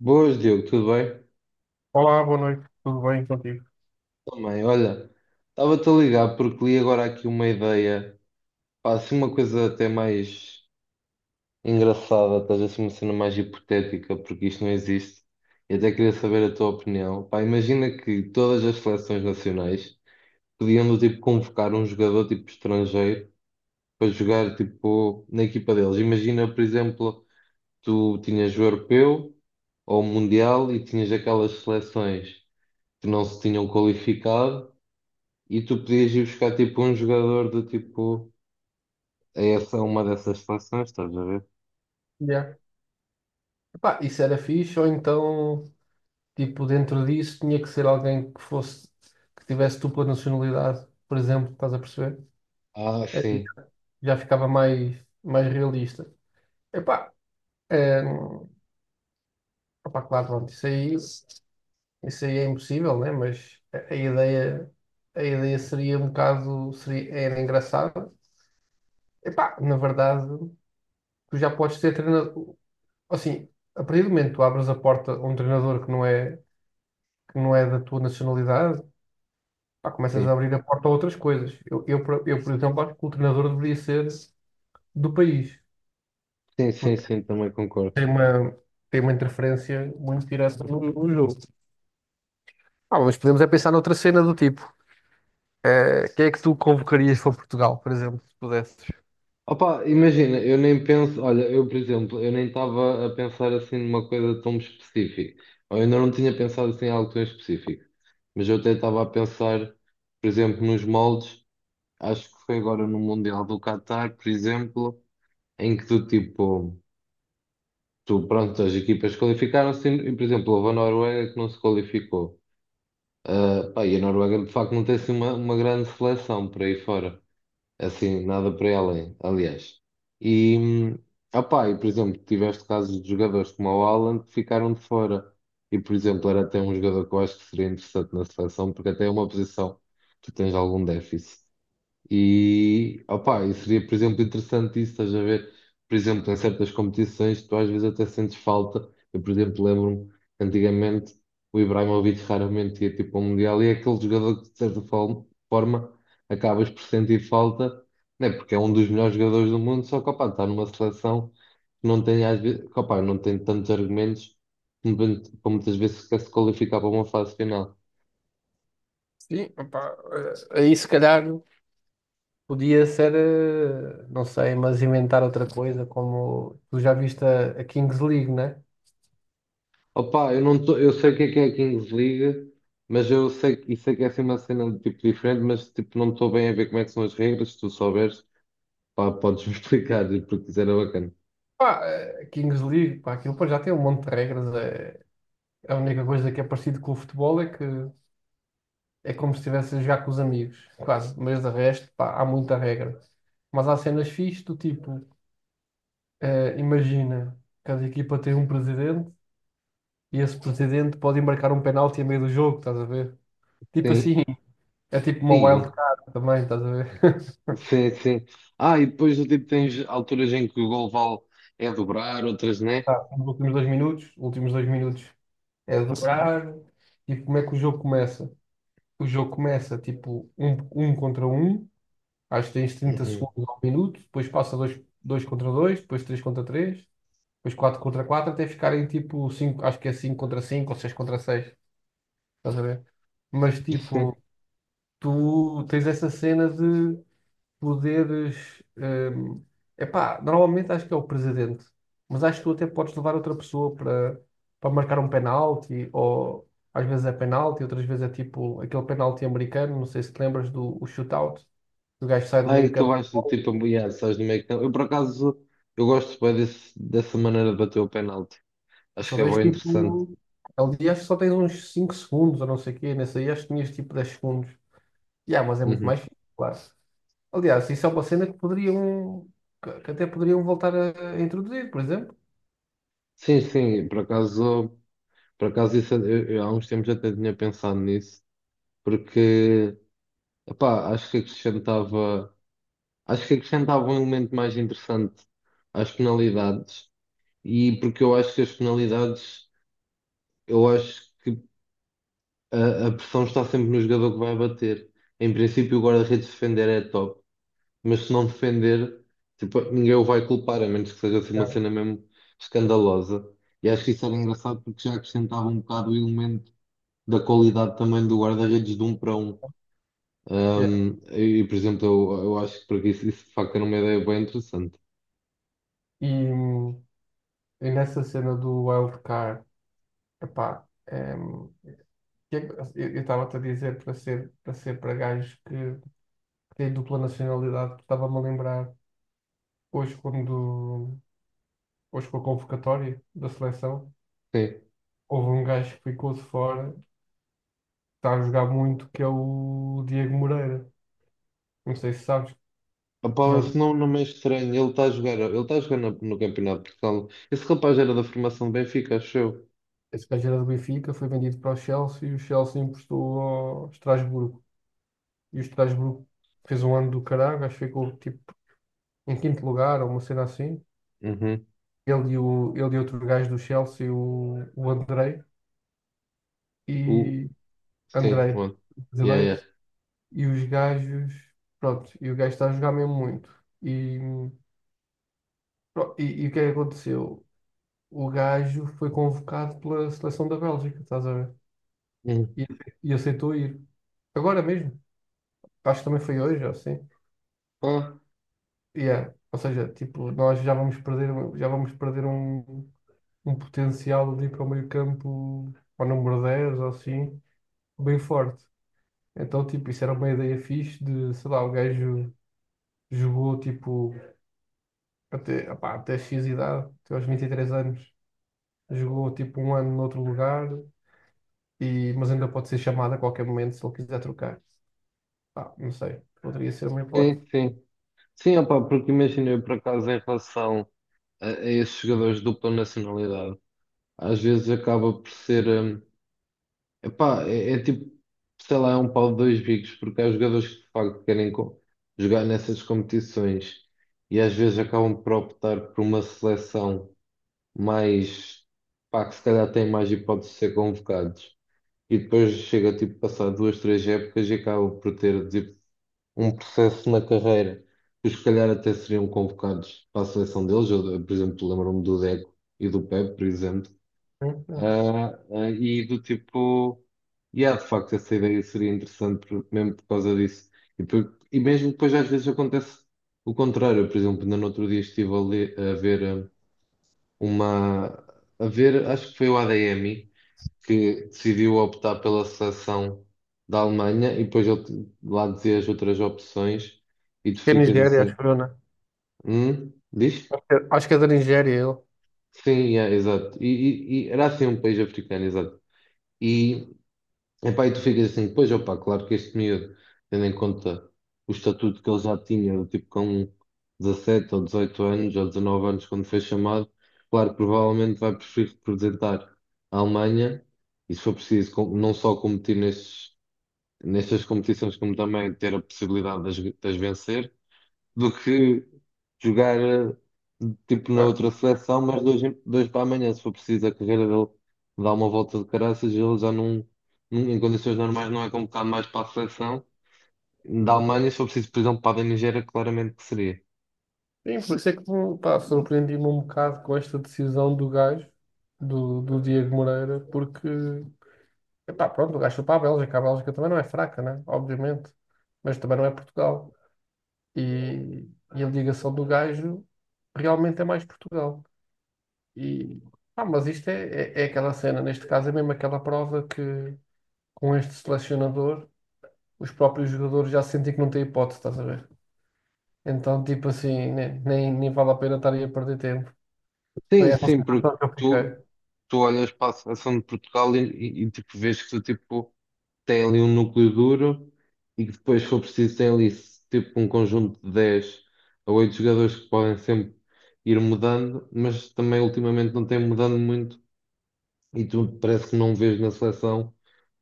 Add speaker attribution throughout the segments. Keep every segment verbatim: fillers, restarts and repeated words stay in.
Speaker 1: Boas, Diogo, tudo bem?
Speaker 2: Olá, boa noite, tudo bem contigo?
Speaker 1: Também, olha, estava-te a ligar porque li agora aqui uma ideia, pá, assim uma coisa até mais engraçada, estás assim uma cena mais hipotética, porque isto não existe, e até queria saber a tua opinião. Pá, imagina que todas as seleções nacionais podiam do tipo convocar um jogador tipo estrangeiro para jogar tipo na equipa deles. Imagina, por exemplo, tu tinhas o europeu ou o mundial e tinhas aquelas seleções que não se tinham qualificado e tu podias ir buscar tipo um jogador do tipo a essa uma dessas seleções, estás a ver?
Speaker 2: Yeah. Epá, isso era fixe, ou então, tipo, dentro disso tinha que ser alguém que fosse, que tivesse dupla nacionalidade, por exemplo, estás a perceber?
Speaker 1: Ah,
Speaker 2: É,
Speaker 1: sim,
Speaker 2: já ficava mais, mais realista. Epá, é, opá, claro, pronto, isso aí, isso aí é impossível, né? Mas a, a ideia, a ideia seria um bocado, seria, era engraçada. Epá, na verdade, tu já podes ter treinador, assim, a partir do momento que tu abres a porta a um treinador que não é que não é da tua nacionalidade, pá, começas a
Speaker 1: sim,
Speaker 2: abrir a porta a outras coisas. Eu, eu, por- eu, por exemplo, acho que o treinador deveria ser do país,
Speaker 1: sim, sim,
Speaker 2: porque
Speaker 1: sim, também concordo.
Speaker 2: tem uma, tem uma interferência muito direta no, no jogo. Ah, mas podemos é pensar noutra cena do tipo. Eh, quem é que tu convocarias para Portugal, por exemplo, se pudesses?
Speaker 1: Opa, imagina, eu nem penso, olha, eu por exemplo, eu nem estava a pensar assim numa coisa tão específica, ou eu ainda não tinha pensado assim em algo tão específico, mas eu até estava a pensar, por exemplo, nos moldes, acho que foi agora no Mundial do Qatar, por exemplo, em que tu tipo, tu pronto, as equipas qualificaram-se e, por exemplo, houve a Noruega que não se qualificou. Ah, pá, e a Noruega de facto não tem assim uma, uma grande seleção por aí fora, assim, nada por aí além, aliás. E, hum, ah, pá, e por exemplo, tiveste casos de jogadores como o Haaland que ficaram de fora. E por exemplo, era até um jogador que eu acho que seria interessante na seleção, porque até é uma posição que tu tens algum déficit. E, opá, e seria, por exemplo, interessante isso, estás a ver? Por exemplo, em certas competições, tu às vezes até sentes falta. Eu, por exemplo, lembro-me, antigamente, o Ibrahimovic raramente ia tipo ao Mundial e é aquele jogador que, de certa fal- forma, acabas por sentir falta, né? Porque é um dos melhores jogadores do mundo, só que, opá, está numa seleção que não tem, às vezes, opá, não tem tantos argumentos para muitas vezes sequer se qualificar para uma fase final.
Speaker 2: Sim, opá, eh, aí se calhar. Podia ser, eh, não sei, mas inventar outra coisa, como tu já viste a, a Kings League, né?
Speaker 1: Opa, eu não tô, eu sei o que é que é a Kings League, mas eu sei, que- e sei que é assim uma cena de tipo diferente, mas tipo, não estou bem a ver como é que são as regras, se tu souberes, pá, podes-me explicar, porque isso era bacana.
Speaker 2: Pá, a Kings League, pá, aquilo pá, já tem um monte de regras. É, a única coisa que é parecido com o futebol é que é como se estivesse a jogar com os amigos, quase. Mas de resto, pá, há muita regra. Mas há cenas fixes do tipo, eh, imagina, cada equipa tem um presidente e esse presidente pode embarcar um penalti a meio do jogo, estás a ver? Tipo
Speaker 1: Sim,
Speaker 2: assim, é tipo uma
Speaker 1: aí,
Speaker 2: wild card também, estás a ver?
Speaker 1: sim, sim. Ah, e depois tipo, tens alturas em que o gol vale é dobrar, outras não é.
Speaker 2: Nos últimos dois minutos, últimos dois minutos é dobrar. E como é que o jogo começa? O jogo começa tipo um, um contra um, acho que tens trinta
Speaker 1: Uhum.
Speaker 2: segundos ao minuto, depois passa dois, dois contra dois, depois três contra três, depois quatro contra quatro, até ficarem tipo cinco, acho que é cinco contra cinco ou seis contra seis, estás a ver? Mas
Speaker 1: Sim.
Speaker 2: tipo, tu tens essa cena de poderes. Hum, epá, normalmente acho que é o presidente, mas acho que tu até podes levar outra pessoa para, para marcar um penalti, ou às vezes é penalti, outras vezes é tipo aquele penalti americano, não sei se te lembras do o shootout, que o gajo sai do
Speaker 1: Ai,
Speaker 2: meio
Speaker 1: tu
Speaker 2: campo.
Speaker 1: vais tipo apoiar, sabes no meio que eu por acaso eu gosto bem desse, dessa maneira de bater o penalti. Acho
Speaker 2: Só
Speaker 1: que é
Speaker 2: tens
Speaker 1: bem interessante.
Speaker 2: tipo. Ali acho que só tens uns cinco segundos, ou não sei o quê, nesse aí acho que tinhas tipo dez segundos. Yeah, mas é muito
Speaker 1: Uhum.
Speaker 2: mais fixe, claro. Aliás, isso é uma cena que poderiam. Que que até poderiam voltar a a introduzir, por exemplo.
Speaker 1: Sim, sim, por acaso. Por acaso, isso, eu, eu há uns tempos até tinha pensado nisso, porque, epá, acho que acrescentava, acho que acrescentava um elemento mais interessante às penalidades, e porque eu acho que as penalidades, eu acho que a, a pressão está sempre no jogador que vai bater. Em princípio, o guarda-redes defender é top, mas se não defender, tipo, ninguém o vai culpar, a menos que seja assim uma cena mesmo escandalosa. E acho que isso era engraçado porque já acrescentava um bocado o elemento da qualidade também do guarda-redes de um para um.
Speaker 2: Yeah.
Speaker 1: Um, e, por exemplo, eu, eu acho que por aqui isso, isso de facto era uma ideia bem interessante.
Speaker 2: E, E nessa cena do wildcard, epá, em, que é que- assim, eu estava-te a dizer para ser para ser para gajos que, que têm dupla nacionalidade, estava-me a lembrar hoje quando hoje com a convocatória da seleção,
Speaker 1: Sim.
Speaker 2: houve um gajo que ficou de fora, que está a jogar muito, que é o Diego Moreira. Não sei se sabes,
Speaker 1: Opa,
Speaker 2: que joga.
Speaker 1: se não, não me é estranho, ele está a jogar, ele está a jogar na- no Campeonato de Portugal. Esse rapaz era da formação do Benfica, acho eu.
Speaker 2: Esse gajo era do Benfica, foi vendido para o Chelsea e o Chelsea emprestou ao Estrasburgo. E o Estrasburgo fez um ano do caralho, acho que ficou tipo em quinto lugar ou uma cena assim.
Speaker 1: Uhum.
Speaker 2: Ele e, o, ele e outro gajo do Chelsea, o, o Andrei,
Speaker 1: O,
Speaker 2: e
Speaker 1: sim, o
Speaker 2: Andrei,
Speaker 1: outro. Yeah,
Speaker 2: brasileiro,
Speaker 1: yeah.
Speaker 2: e os gajos, pronto, e o gajo está a jogar mesmo muito. E, pro- e, e o que é que aconteceu? O gajo foi convocado pela seleção da Bélgica, estás a ver?
Speaker 1: Uhum.
Speaker 2: E, e aceitou ir. Agora mesmo, acho que também foi hoje, ou assim.
Speaker 1: Ah,
Speaker 2: Yeah. Ou seja, tipo, nós já vamos perder, já vamos perder um, um potencial ali para o meio campo, para o número dez ou assim, bem forte. Então, tipo, isso era uma ideia fixe de, sei lá, o gajo jogou, tipo, até, opá, até X idade, até aos vinte e três anos, jogou, tipo, um ano noutro lugar, e, mas ainda pode ser chamado a qualquer momento se ele quiser trocar. Pá, não sei, poderia ser uma hipótese.
Speaker 1: sim, sim. Sim, opa, porque imagina eu por acaso em relação a, a esses jogadores de dupla nacionalidade, às vezes acaba por ser. hum, epá, é, é tipo, sei lá, é um pau de dois bicos, porque há jogadores que de facto querem co- jogar nessas competições e às vezes acabam por optar por uma seleção mais, pá, que se calhar tem mais hipótese de ser convocados. E depois chega, tipo, a passar duas, três épocas e acaba por ter, tipo, um processo na carreira. Os que se calhar até seriam convocados para a seleção deles. Eu, por exemplo, lembro-me do Deco e do Pepe, por exemplo,
Speaker 2: Hum, hum.
Speaker 1: ah, ah, e do tipo, e há de facto essa ideia seria interessante por- mesmo por causa disso. E, por- e mesmo depois às vezes acontece o contrário. Eu, por exemplo, ainda no outro dia estive a, ler- a ver ah, uma, a ver, acho que foi o A D M que decidiu optar pela seleção da Alemanha e depois ele te- lá dizia as outras opções e tu
Speaker 2: Acho que é
Speaker 1: ficas
Speaker 2: Nigéria, acho
Speaker 1: assim,
Speaker 2: que eu, né?
Speaker 1: hum? Diz?
Speaker 2: Acho que é da Nigéria ele.
Speaker 1: Sim, yeah, exato. E, e- e era assim um país africano, exato. Epá, e tu ficas assim, pois, opá, claro que este miúdo, tendo em conta o estatuto que ele já tinha, do tipo com dezassete ou dezoito anos ou dezanove anos, quando foi chamado, claro, provavelmente vai preferir representar a Alemanha e, se for preciso, com- não só competir nestes, nestas competições, como também ter a possibilidade de as, de as vencer do que jogar eh, tipo na
Speaker 2: Ué.
Speaker 1: outra seleção, mas dois, dois para amanhã, se for preciso, a carreira dele dá uma volta de caraças, ele já não, não- em condições normais, não é convocado mais para a seleção. Da Alemanha, se for preciso, por exemplo, para a da Nigéria, claramente que seria.
Speaker 2: Sim, por isso é que, pá, surpreendi-me um bocado com esta decisão do gajo, do, do Diego Moreira, porque epá, pronto, o gajo foi para a Bélgica. A Bélgica também não é fraca, né? Obviamente. Mas também não é Portugal. E, e a ligação do gajo realmente é mais Portugal. E, pá, mas isto é, é, é aquela cena. Neste caso é mesmo aquela prova que com este selecionador os próprios jogadores já sentem que não têm hipótese, estás a ver? Então, tipo assim, nem, nem, nem vale a pena estar aí a perder tempo. Foi
Speaker 1: Sim,
Speaker 2: essa a
Speaker 1: sim, porque
Speaker 2: sensação que eu
Speaker 1: tu,
Speaker 2: fiquei.
Speaker 1: tu olhas para a seleção de Portugal e, e- e, tipo, vês que tipo. tem ali um núcleo duro e que depois, se for preciso, tem ali tipo um conjunto de dez a oito jogadores que podem sempre ir mudando, mas também ultimamente não tem mudado muito e tu parece que não vês na seleção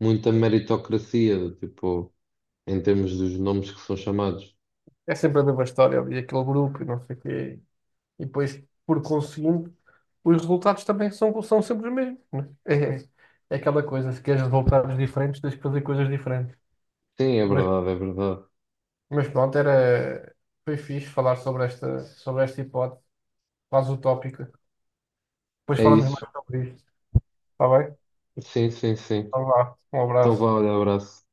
Speaker 1: muita meritocracia, tipo, em termos dos nomes que são chamados.
Speaker 2: É sempre a mesma história ali, aquele grupo e não sei o quê. E depois, por conseguinte, os resultados também são, são sempre os mesmos, né? É, é aquela coisa, se queres resultados diferentes, tens que fazer coisas diferentes.
Speaker 1: Sim, é
Speaker 2: Mas,
Speaker 1: verdade, é verdade.
Speaker 2: mas pronto, era, foi fixe falar sobre esta, sobre esta hipótese, quase utópica. Depois
Speaker 1: É
Speaker 2: falamos
Speaker 1: isso.
Speaker 2: mais sobre isto. Está bem?
Speaker 1: Sim, sim, sim.
Speaker 2: Então vá, um
Speaker 1: Então vá,
Speaker 2: abraço.
Speaker 1: olha, abraço.